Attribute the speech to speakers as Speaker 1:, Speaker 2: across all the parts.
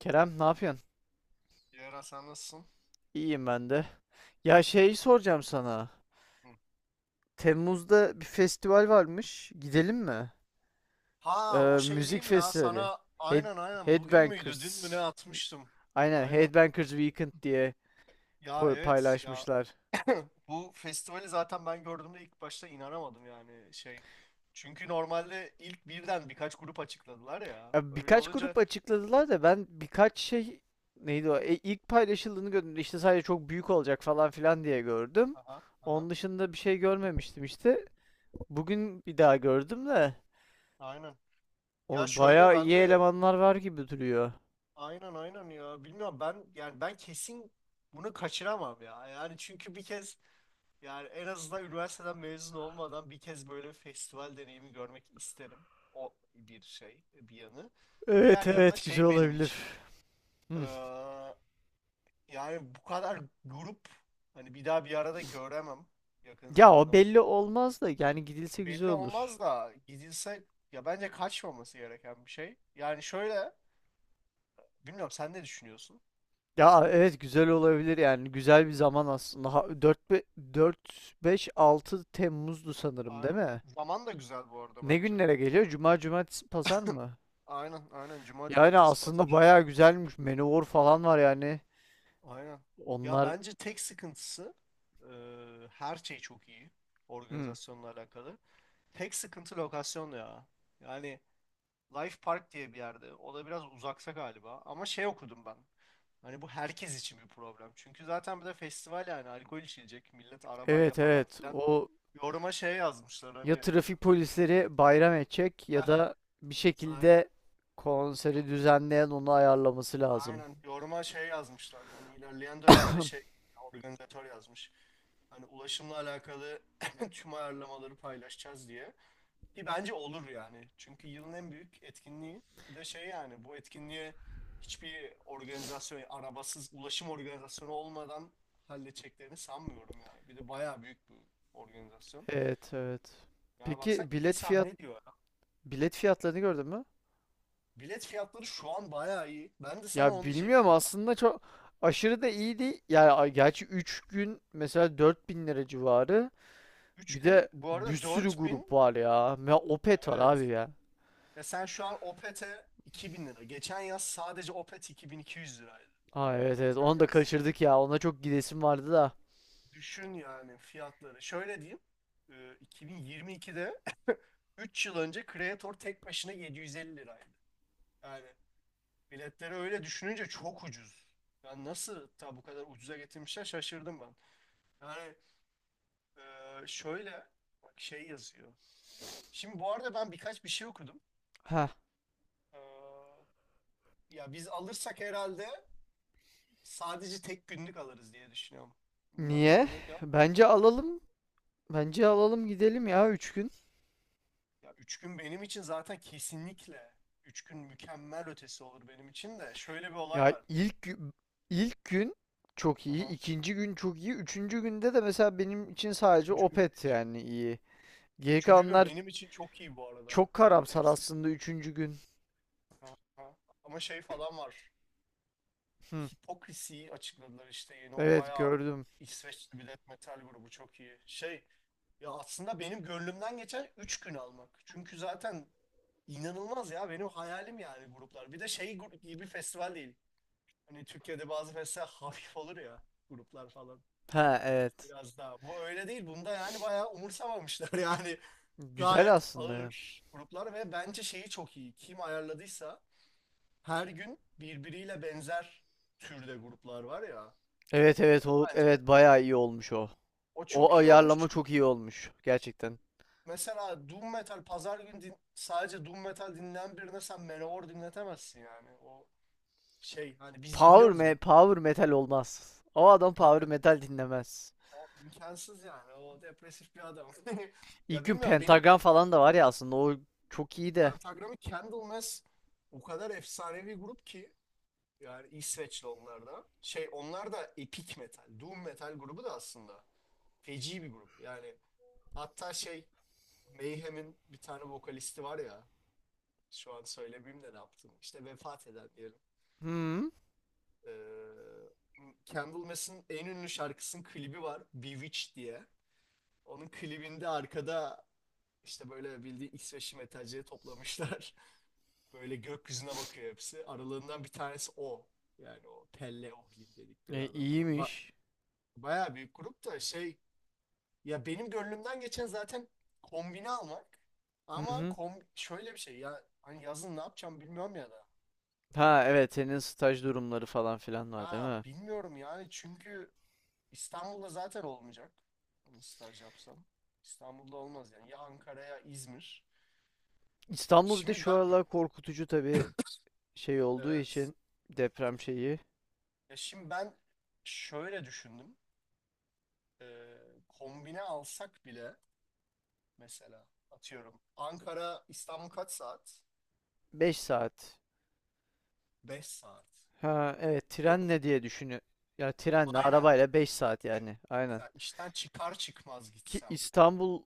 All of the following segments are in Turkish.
Speaker 1: Kerem ne yapıyorsun?
Speaker 2: Yara, sen nasılsın?
Speaker 1: İyiyim ben de. Ya şey soracağım sana.
Speaker 2: Hı.
Speaker 1: Temmuz'da bir festival varmış. Gidelim mi? Ee,
Speaker 2: Ha, o şey
Speaker 1: müzik
Speaker 2: değil mi ya
Speaker 1: festivali.
Speaker 2: sana
Speaker 1: Head,
Speaker 2: aynen aynen bugün müydü dün mü ne
Speaker 1: Headbangers.
Speaker 2: atmıştım.
Speaker 1: Aynen
Speaker 2: Aynen.
Speaker 1: Headbangers Weekend diye
Speaker 2: Ya evet ya
Speaker 1: paylaşmışlar.
Speaker 2: bu festivali zaten ben gördüğümde ilk başta inanamadım yani şey. Çünkü normalde ilk birden birkaç grup açıkladılar ya.
Speaker 1: Ya
Speaker 2: Öyle
Speaker 1: birkaç
Speaker 2: olunca
Speaker 1: grup açıkladılar da ben birkaç şey neydi o? İlk paylaşıldığını gördüm. İşte sadece çok büyük olacak falan filan diye gördüm.
Speaker 2: aha, aha,
Speaker 1: Onun dışında bir şey görmemiştim işte. Bugün bir daha gördüm de
Speaker 2: aynen. Ya
Speaker 1: o
Speaker 2: şöyle
Speaker 1: bayağı iyi
Speaker 2: ben de
Speaker 1: elemanlar var gibi duruyor.
Speaker 2: aynen aynen ya bilmiyorum ben yani ben kesin bunu kaçıramam ya. Yani çünkü bir kez yani en azından üniversiteden mezun olmadan bir kez böyle bir festival deneyimi görmek isterim. O bir şey, bir yanı.
Speaker 1: Evet,
Speaker 2: Diğer yanı da
Speaker 1: evet, güzel
Speaker 2: şey benim
Speaker 1: olabilir.
Speaker 2: için.
Speaker 1: Hmm.
Speaker 2: eee, Yani bu kadar grup hani bir daha bir arada göremem yakın
Speaker 1: Ya o
Speaker 2: zamanda mı?
Speaker 1: belli olmaz da yani gidilse güzel
Speaker 2: Belli
Speaker 1: olur.
Speaker 2: olmaz da gidilse ya bence kaçmaması gereken bir şey. Yani şöyle, bilmiyorum sen ne düşünüyorsun?
Speaker 1: Ya evet, güzel olabilir yani güzel bir zaman aslında. Ha, 4 5 6 Temmuz'du sanırım değil
Speaker 2: Aynen.
Speaker 1: mi?
Speaker 2: Zaman da güzel bu arada
Speaker 1: Ne
Speaker 2: bence.
Speaker 1: günlere geliyor?
Speaker 2: Aynen,
Speaker 1: Cuma, cumartesi, pazar mı?
Speaker 2: aynen. Aynen. Cuma,
Speaker 1: Yani
Speaker 2: cumartesi,
Speaker 1: aslında
Speaker 2: pazar.
Speaker 1: bayağı güzelmiş. Manowar falan var yani.
Speaker 2: Aynen. Ya
Speaker 1: Onlar.
Speaker 2: bence tek sıkıntısı, e, her şey çok iyi,
Speaker 1: Hmm.
Speaker 2: organizasyonla alakalı. Tek sıkıntı lokasyon ya. Yani Life Park diye bir yerde. O da biraz uzaksa galiba. Ama şey okudum ben. Hani bu herkes için bir problem. Çünkü zaten bir de festival yani alkol içilecek. Millet arabayla
Speaker 1: Evet,
Speaker 2: falan
Speaker 1: evet.
Speaker 2: filan.
Speaker 1: O,
Speaker 2: Yoruma şey yazmışlar
Speaker 1: ya
Speaker 2: hani.
Speaker 1: trafik polisleri bayram edecek ya
Speaker 2: Heh,
Speaker 1: da bir
Speaker 2: aynen.
Speaker 1: şekilde konseri düzenleyen onu ayarlaması lazım.
Speaker 2: Aynen, yoruma şey yazmışlar. Hani ilerleyen dönemde şey, organizatör yazmış. Hani ulaşımla alakalı tüm ayarlamaları paylaşacağız diye. Ki bence olur yani. Çünkü yılın en büyük etkinliği. Bir de şey yani bu etkinliğe hiçbir organizasyon, arabasız ulaşım organizasyonu olmadan halledeceklerini sanmıyorum yani. Bir de bayağı büyük bir organizasyon.
Speaker 1: Evet, evet.
Speaker 2: Yani baksana
Speaker 1: Peki
Speaker 2: iki sahne diyor ya.
Speaker 1: bilet fiyatlarını gördün mü?
Speaker 2: Bilet fiyatları şu an bayağı iyi. Ben de sana
Speaker 1: Ya
Speaker 2: onu
Speaker 1: bilmiyorum
Speaker 2: diyecektim ya.
Speaker 1: aslında çok aşırı da iyi değil. Yani gerçi 3 gün mesela 4.000 lira civarı.
Speaker 2: Üç
Speaker 1: Bir
Speaker 2: gün
Speaker 1: de
Speaker 2: bu
Speaker 1: bir
Speaker 2: arada
Speaker 1: sürü
Speaker 2: dört
Speaker 1: grup
Speaker 2: bin.
Speaker 1: var ya. Ya Opet var abi
Speaker 2: Evet.
Speaker 1: ya.
Speaker 2: Ya sen şu an Opet'e 2.000 lira. Geçen yaz sadece Opet 2200 liraydı.
Speaker 1: Aa, evet, evet,
Speaker 2: Geçen
Speaker 1: onu da
Speaker 2: yaz.
Speaker 1: kaçırdık ya. Ona çok gidesim vardı da.
Speaker 2: Düşün yani fiyatları. Şöyle diyeyim. e, 2022'de 3 yıl önce Creator tek başına 750 liraydı. Yani biletleri öyle düşününce çok ucuz. Yani nasıl ta bu kadar ucuza getirmişler şaşırdım ben. Yani e, şöyle bak şey yazıyor. Şimdi bu arada ben birkaç bir şey okudum.
Speaker 1: Ha,
Speaker 2: E, Ya biz alırsak herhalde sadece tek günlük alırız diye düşünüyorum. Bilmiyorum
Speaker 1: niye?
Speaker 2: sen ne diyorsun?
Speaker 1: Bence alalım. Bence alalım gidelim ya 3 gün.
Speaker 2: Ya üç gün benim için zaten kesinlikle 3 gün mükemmel ötesi olur benim için de. Şöyle bir olay
Speaker 1: Ya
Speaker 2: var.
Speaker 1: ilk gün çok iyi,
Speaker 2: Aha.
Speaker 1: ikinci gün çok iyi, üçüncü günde de mesela benim için sadece
Speaker 2: Üçüncü gün
Speaker 1: Opet
Speaker 2: feci.
Speaker 1: yani iyi. Geri
Speaker 2: Üçüncü gün
Speaker 1: kalanlar.
Speaker 2: benim için çok iyi bu arada.
Speaker 1: Çok
Speaker 2: Yani
Speaker 1: karamsar
Speaker 2: hepsi.
Speaker 1: aslında üçüncü gün.
Speaker 2: Aha. Ama şey falan var.
Speaker 1: Hı,
Speaker 2: Hipokrisi'yi açıkladılar işte yeni o
Speaker 1: evet,
Speaker 2: bayağı
Speaker 1: gördüm.
Speaker 2: İsveçli bir death metal grubu çok iyi. Şey, ya aslında benim gönlümden geçen 3 gün almak. Çünkü zaten İnanılmaz ya benim hayalim yani gruplar. Bir de şey, gibi bir festival değil. Hani Türkiye'de bazı festival hafif olur ya, gruplar falan
Speaker 1: Ha, evet.
Speaker 2: biraz daha. Bu öyle değil. Bunda yani bayağı umursamamışlar yani.
Speaker 1: Güzel
Speaker 2: Gayet
Speaker 1: aslında ya.
Speaker 2: ağır gruplar ve bence şeyi çok iyi. Kim ayarladıysa her gün birbiriyle benzer türde gruplar var ya.
Speaker 1: Evet, evet, olup
Speaker 2: Bence
Speaker 1: evet bayağı iyi olmuş o.
Speaker 2: o
Speaker 1: O
Speaker 2: çok iyi olmuş
Speaker 1: ayarlama çok
Speaker 2: çünkü
Speaker 1: iyi olmuş gerçekten.
Speaker 2: mesela Doom Metal pazar günü sadece Doom Metal dinleyen birine sen Manowar dinletemezsin yani. O şey hani biz dinliyoruz.
Speaker 1: Power metal olmaz. O adam
Speaker 2: Ha,
Speaker 1: power
Speaker 2: evet.
Speaker 1: metal dinlemez.
Speaker 2: O imkansız yani. O depresif bir adam.
Speaker 1: İlk
Speaker 2: Ya
Speaker 1: gün
Speaker 2: bilmiyorum benim
Speaker 1: pentagram falan da var ya aslında o çok iyi de.
Speaker 2: pentagramı, Candlemass o kadar efsanevi grup ki, yani İsveçli onlar da. Şey, onlar da epic metal, doom metal grubu da aslında. Feci bir grup. Yani hatta şey, Mayhem'in bir tane vokalisti var ya, şu an söylemeyeyim de ne yaptım. İşte vefat eden diyelim.
Speaker 1: Hı,
Speaker 2: Ee, Candlemass'ın en ünlü şarkısının klibi var. Bewitched diye. Onun klibinde arkada İşte böyle bildiğin İsveçli metalcileri toplamışlar. Böyle gökyüzüne bakıyor hepsi. Aralarından bir tanesi o. Yani o Pelle Ohlin dedikleri adam falan.
Speaker 1: iyiymiş.
Speaker 2: Bayağı büyük grup da şey, ya benim gönlümden geçen zaten kombine almak.
Speaker 1: Hı
Speaker 2: Ama
Speaker 1: hı.
Speaker 2: şöyle bir şey ya hani yazın ne yapacağım bilmiyorum ya da.
Speaker 1: Ha, evet, senin staj durumları falan filan var değil
Speaker 2: Ya
Speaker 1: mi?
Speaker 2: bilmiyorum yani çünkü İstanbul'da zaten olmayacak. Hani staj yapsam. İstanbul'da olmaz yani. Ya Ankara ya İzmir.
Speaker 1: İstanbul bir de
Speaker 2: Şimdi
Speaker 1: şu
Speaker 2: ben,
Speaker 1: aralar korkutucu tabii şey olduğu
Speaker 2: evet.
Speaker 1: için deprem şeyi.
Speaker 2: Ya şimdi ben şöyle düşündüm. Ee, Kombine alsak bile mesela atıyorum Ankara İstanbul kaç saat?
Speaker 1: 5 saat.
Speaker 2: 5 saat.
Speaker 1: Ha, evet,
Speaker 2: Diyorum.
Speaker 1: trenle diye düşünü. Ya trenle
Speaker 2: Aynen.
Speaker 1: arabayla 5 saat yani. Aynen.
Speaker 2: Ya işten çıkar çıkmaz
Speaker 1: Ki
Speaker 2: gitsem.
Speaker 1: İstanbul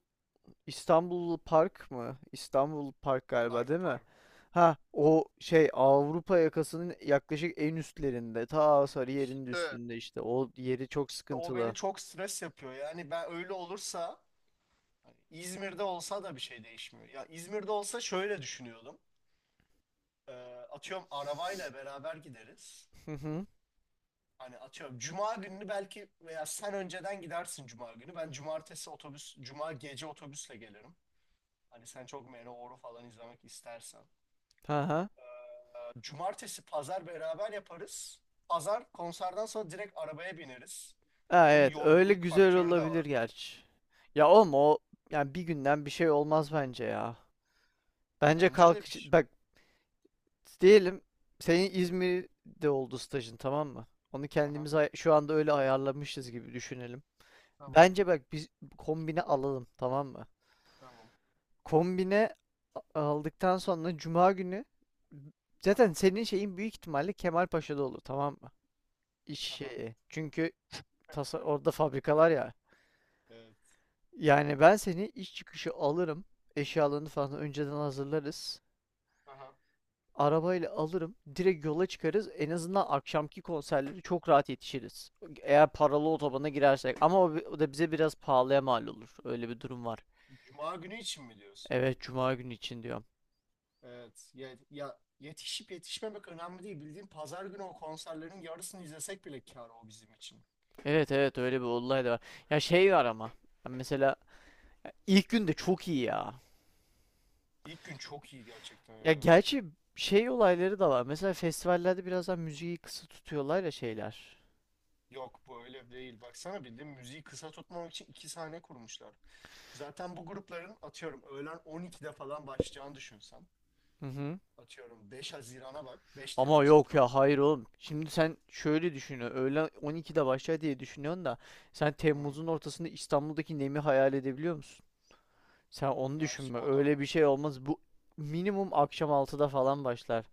Speaker 1: İstanbul Park mı? İstanbul Park galiba
Speaker 2: Life
Speaker 1: değil mi?
Speaker 2: Park.
Speaker 1: Ha, o şey, Avrupa yakasının yaklaşık en üstlerinde. Ta Sarıyer'in de
Speaker 2: İşte
Speaker 1: üstünde işte. O yeri çok
Speaker 2: İşte o beni
Speaker 1: sıkıntılı.
Speaker 2: çok stres yapıyor. Yani ben öyle olursa hani İzmir'de olsa da bir şey değişmiyor. Ya İzmir'de olsa şöyle düşünüyordum. Ee, Atıyorum arabayla beraber gideriz.
Speaker 1: Hı hı.
Speaker 2: Hani atıyorum cuma gününü belki veya sen önceden gidersin cuma günü. Ben cumartesi otobüs, cuma gece otobüsle gelirim. Hani sen çok Manowar'u falan izlemek istersen.
Speaker 1: Ha ha.
Speaker 2: Cumartesi, pazar beraber yaparız. Pazar konserden sonra direkt arabaya bineriz.
Speaker 1: Ha,
Speaker 2: Ama onun
Speaker 1: evet öyle
Speaker 2: yorgunluk
Speaker 1: güzel
Speaker 2: faktörü de var.
Speaker 1: olabilir gerçi. Ya oğlum o yani bir günden bir şey olmaz bence ya. Bence
Speaker 2: Bence
Speaker 1: kalk
Speaker 2: de bir şey.
Speaker 1: bak diyelim, senin İzmir'de oldu stajın tamam mı? Onu
Speaker 2: Aha,
Speaker 1: kendimiz şu anda öyle ayarlamışız gibi düşünelim.
Speaker 2: tamam,
Speaker 1: Bence bak biz kombine alalım tamam mı?
Speaker 2: tamam.
Speaker 1: Kombine aldıktan sonra cuma günü zaten
Speaker 2: Aha,
Speaker 1: senin şeyin büyük ihtimalle Kemalpaşa'da olur tamam mı? İş
Speaker 2: aha.
Speaker 1: şeyi. Çünkü tasa orada fabrikalar ya.
Speaker 2: Evet.
Speaker 1: Yani ben seni iş çıkışı alırım. Eşyalarını falan önceden hazırlarız.
Speaker 2: Aha.
Speaker 1: Arabayla alırım. Direkt yola çıkarız. En azından akşamki konserleri çok rahat yetişiriz. Eğer paralı otobana girersek. Ama o da bize biraz pahalıya mal olur. Öyle bir durum var.
Speaker 2: Cuma günü için mi diyorsun?
Speaker 1: Evet, Cuma günü için diyorum.
Speaker 2: Evet. Ya, ya yetişip yetişmemek önemli değil. Bildiğin pazar günü o konserlerin yarısını izlesek bile kâr o bizim için.
Speaker 1: Evet, evet, öyle bir olay da var. Ya şey var ama. Mesela ilk gün de çok iyi ya.
Speaker 2: İlk gün çok iyi gerçekten
Speaker 1: Ya
Speaker 2: ya.
Speaker 1: gerçi şey olayları da var. Mesela festivallerde biraz daha müziği kısa tutuyorlar ya şeyler.
Speaker 2: Yok, bu öyle değil. Baksana bildiğin müziği kısa tutmamak için iki sahne kurmuşlar. Zaten bu grupların atıyorum öğlen 12'de falan başlayacağını düşünsen.
Speaker 1: Hı hı.
Speaker 2: Atıyorum 5 Haziran'a bak. 5
Speaker 1: Ama
Speaker 2: Temmuz'a
Speaker 1: yok ya
Speaker 2: pardon.
Speaker 1: hayır oğlum. Şimdi sen şöyle düşünüyorsun. Öğlen 12'de başlar diye düşünüyorsun da sen
Speaker 2: Hmm.
Speaker 1: Temmuz'un ortasında İstanbul'daki nemi hayal edebiliyor musun? Sen onu
Speaker 2: Gerçi
Speaker 1: düşünme.
Speaker 2: o da
Speaker 1: Öyle bir
Speaker 2: var.
Speaker 1: şey olmaz. Bu minimum akşam altıda falan başlar.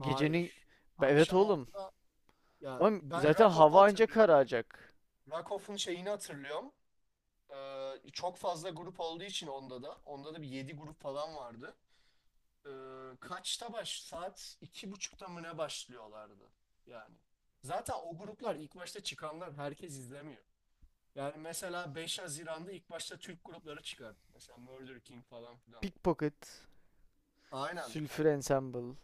Speaker 1: Gecenin. Evet,
Speaker 2: Akşam
Speaker 1: oğlum.
Speaker 2: 6'da, ya
Speaker 1: Ama
Speaker 2: ben
Speaker 1: zaten
Speaker 2: Rakof'u
Speaker 1: hava ancak
Speaker 2: hatırlıyorum.
Speaker 1: kararacak.
Speaker 2: Rakof'un şeyini hatırlıyorum. Çok fazla grup olduğu için onda da. Onda da bir 7 grup falan vardı. Kaçta baş? Saat 2.30'da mı ne başlıyorlardı? Yani. Zaten o gruplar ilk başta çıkanlar herkes izlemiyor. Yani mesela 5 Haziran'da ilk başta Türk grupları çıkar. Mesela Murder King falan filan.
Speaker 1: Pickpocket,
Speaker 2: Aynen.
Speaker 1: Sülfür Ensemble.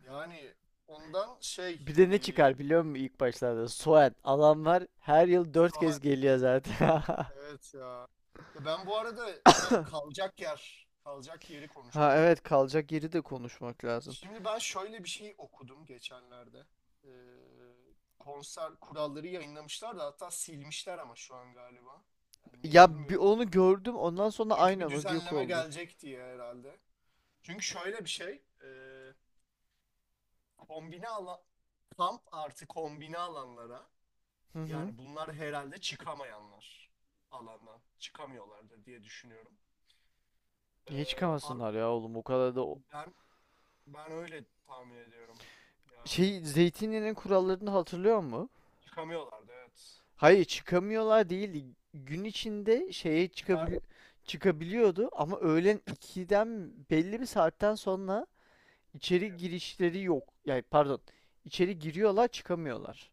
Speaker 2: Yani ondan şey,
Speaker 1: Bir de ne
Speaker 2: e,
Speaker 1: çıkar biliyor musun ilk başlarda? Soğan. Adamlar her yıl 4 kez
Speaker 2: saat,
Speaker 1: geliyor zaten.
Speaker 2: evet ya. Ya ben bu arada ha, kalacak yeri
Speaker 1: Ha,
Speaker 2: konuşalım.
Speaker 1: evet, kalacak yeri de konuşmak lazım.
Speaker 2: Şimdi ben şöyle bir şey okudum geçenlerde. Ee, Konser kuralları yayınlamışlar da hatta silmişler ama şu an galiba. Yani niye
Speaker 1: Ya bir
Speaker 2: bilmiyorum.
Speaker 1: onu gördüm, ondan sonra
Speaker 2: Çünkü bir
Speaker 1: aynen o yok
Speaker 2: düzenleme
Speaker 1: oldu.
Speaker 2: gelecek diye herhalde. Çünkü şöyle bir şey. Kombine alan, kamp artı kombine alanlara
Speaker 1: Hı hı.
Speaker 2: yani bunlar herhalde çıkamayanlar alandan. Çıkamıyorlardır diye düşünüyorum. Ee,
Speaker 1: Niye
Speaker 2: ar-
Speaker 1: çıkamasınlar ya oğlum, o kadar da
Speaker 2: ben, ben öyle tahmin ediyorum. Yani
Speaker 1: şey Zeytinyağı'nın kurallarını hatırlıyor mu?
Speaker 2: çıkamıyorlardı evet.
Speaker 1: Hayır çıkamıyorlar değildi. Gün içinde şeye
Speaker 2: Çıkar.
Speaker 1: çıkabiliyordu ama öğlen ikiden belli bir saatten sonra içeri girişleri yok. Yani pardon, içeri giriyorlar çıkamıyorlar.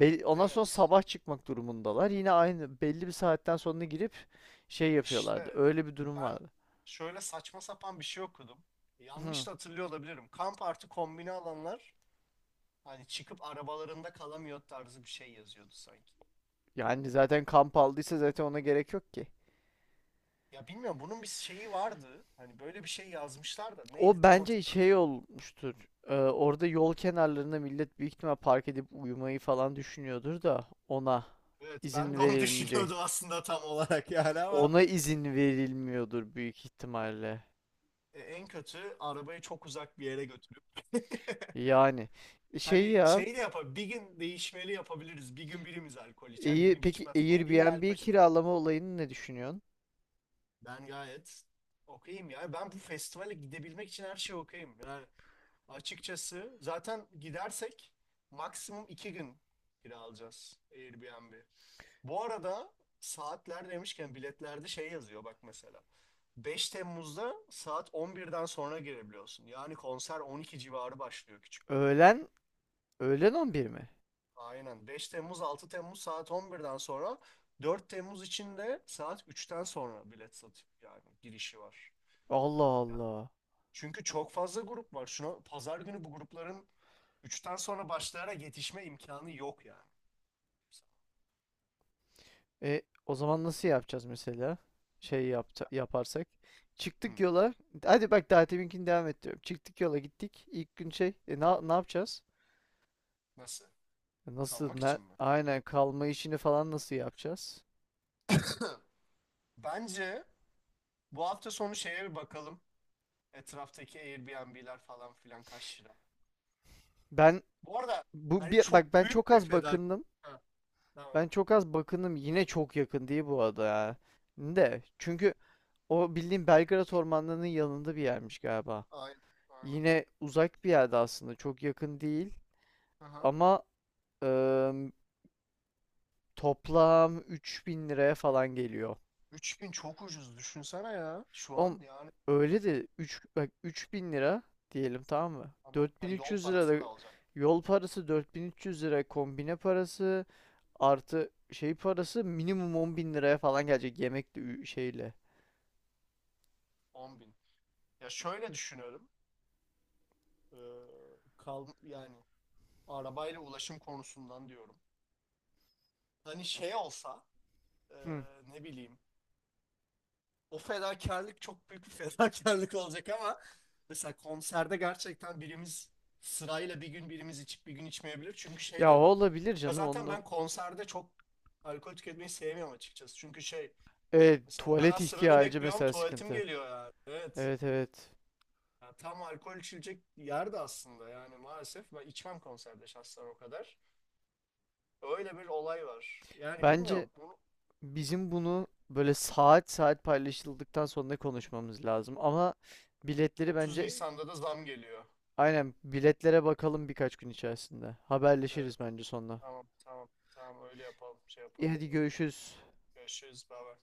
Speaker 1: Ondan sonra
Speaker 2: Evet.
Speaker 1: sabah çıkmak durumundalar. Yine aynı belli bir saatten sonra girip şey yapıyorlardı.
Speaker 2: İşte
Speaker 1: Öyle bir durum
Speaker 2: ben
Speaker 1: vardı.
Speaker 2: şöyle saçma sapan bir şey okudum.
Speaker 1: Hı.
Speaker 2: Yanlış da hatırlıyor olabilirim. Kamp artı kombine alanlar hani çıkıp arabalarında kalamıyor tarzı bir şey yazıyordu sanki.
Speaker 1: Yani zaten kamp aldıysa zaten ona gerek yok ki.
Speaker 2: Ya bilmiyorum bunun bir şeyi vardı. Hani böyle bir şey yazmışlar da neydi
Speaker 1: O
Speaker 2: tam
Speaker 1: bence
Speaker 2: hatırlamıyorum.
Speaker 1: şey olmuştur. Orada yol kenarlarında millet büyük ihtimal park edip uyumayı falan düşünüyordur da ona
Speaker 2: Evet, ben
Speaker 1: izin
Speaker 2: de onu
Speaker 1: verilmeyecek.
Speaker 2: düşünüyordum aslında tam olarak yani ama
Speaker 1: Ona izin verilmiyordur büyük ihtimalle.
Speaker 2: en kötü arabayı çok uzak bir yere götürüp
Speaker 1: Yani şey
Speaker 2: hani
Speaker 1: ya,
Speaker 2: şey de yapar bir gün değişmeli yapabiliriz. Bir gün birimiz alkol içer bir
Speaker 1: iyi
Speaker 2: gün
Speaker 1: peki
Speaker 2: içmez falan. İlla
Speaker 1: Airbnb
Speaker 2: alkol
Speaker 1: kiralama olayını ne düşünüyorsun?
Speaker 2: ben gayet okeyim ya. Ben bu festivale gidebilmek için her şey okeyim. Yani açıkçası zaten gidersek maksimum 2 gün kira alacağız Airbnb. Bu arada saatler demişken biletlerde şey yazıyor bak mesela. 5 Temmuz'da saat 11'den sonra girebiliyorsun. Yani konser 12 civarı başlıyor küçük gruplar.
Speaker 1: Öğlen öğlen 11 mi?
Speaker 2: Aynen. 5 Temmuz, 6 Temmuz saat 11'den sonra, 4 Temmuz için de saat 3'ten sonra bilet satıyor yani girişi var.
Speaker 1: Allah Allah.
Speaker 2: Çünkü çok fazla grup var. Şuna, pazar günü bu grupların üçten sonra başlayarak yetişme imkanı yok yani.
Speaker 1: O zaman nasıl yapacağız mesela? Şey yapta,
Speaker 2: Ya,
Speaker 1: yaparsak.
Speaker 2: hı,
Speaker 1: Çıktık yola. Hadi bak daha deminkini devam et. Çıktık yola gittik. İlk gün şey. Ne yapacağız?
Speaker 2: nasıl?
Speaker 1: Nasıl?
Speaker 2: Kalmak için mi?
Speaker 1: Aynen kalma işini falan nasıl yapacağız?
Speaker 2: Bence bu hafta sonu şeye bir bakalım. Etraftaki Airbnb'ler falan filan kaç lira.
Speaker 1: Ben
Speaker 2: Bu arada hani çok
Speaker 1: bak ben çok
Speaker 2: büyük bir
Speaker 1: az
Speaker 2: fedakarlık.
Speaker 1: bakındım.
Speaker 2: Ha, tamam.
Speaker 1: Ben çok az bakındım. Yine çok yakın değil bu arada ya. De çünkü o bildiğim Belgrad ormanlarının yanında bir yermiş galiba.
Speaker 2: Aynen. Aynen.
Speaker 1: Yine uzak bir yerde aslında. Çok yakın değil.
Speaker 2: Aha.
Speaker 1: Ama Eee toplam 3.000 liraya falan geliyor.
Speaker 2: 3.000 çok ucuz düşünsene ya şu an
Speaker 1: Oğlum
Speaker 2: yani.
Speaker 1: öyle de 3 bak 3.000 lira diyelim tamam mı?
Speaker 2: Tamam. Ha, yol
Speaker 1: 4.300 lira
Speaker 2: parası
Speaker 1: da
Speaker 2: da alacak.
Speaker 1: yol parası, 4.300 lira kombine parası artı şey parası minimum 10.000 liraya falan gelecek yemekle şeyle.
Speaker 2: 10.000. Ya şöyle düşünüyorum. Ee, Kal yani arabayla ulaşım konusundan diyorum. Hani şey olsa e,
Speaker 1: Hı.
Speaker 2: ne bileyim, o fedakarlık çok büyük bir fedakarlık olacak ama mesela konserde gerçekten birimiz sırayla bir gün birimiz içip bir gün içmeyebilir. Çünkü şey
Speaker 1: Ya o
Speaker 2: de,
Speaker 1: olabilir
Speaker 2: ya
Speaker 1: canım
Speaker 2: zaten
Speaker 1: onunla.
Speaker 2: ben konserde çok alkol tüketmeyi sevmiyorum açıkçası. Çünkü şey,
Speaker 1: Evet,
Speaker 2: mesela o
Speaker 1: tuvalet
Speaker 2: kadar sırada
Speaker 1: ihtiyacı
Speaker 2: bekliyorum
Speaker 1: mesela
Speaker 2: tuvaletim
Speaker 1: sıkıntı.
Speaker 2: geliyor yani. Evet.
Speaker 1: Evet, evet.
Speaker 2: Ya tam alkol içilecek yerde aslında yani maalesef ben içmem konserde şahsen o kadar. Öyle bir olay var. Yani
Speaker 1: Bence
Speaker 2: bilmiyorum. Bunu
Speaker 1: bizim bunu böyle saat saat paylaşıldıktan sonra konuşmamız lazım ama biletleri
Speaker 2: 30
Speaker 1: bence
Speaker 2: Nisan'da da zam geliyor.
Speaker 1: aynen biletlere bakalım birkaç gün içerisinde.
Speaker 2: Evet.
Speaker 1: Haberleşiriz bence sonra.
Speaker 2: Tamam, tamam, tamam, öyle yapalım, şey
Speaker 1: İyi,
Speaker 2: yapalım.
Speaker 1: hadi görüşürüz.
Speaker 2: Görüşürüz, baba.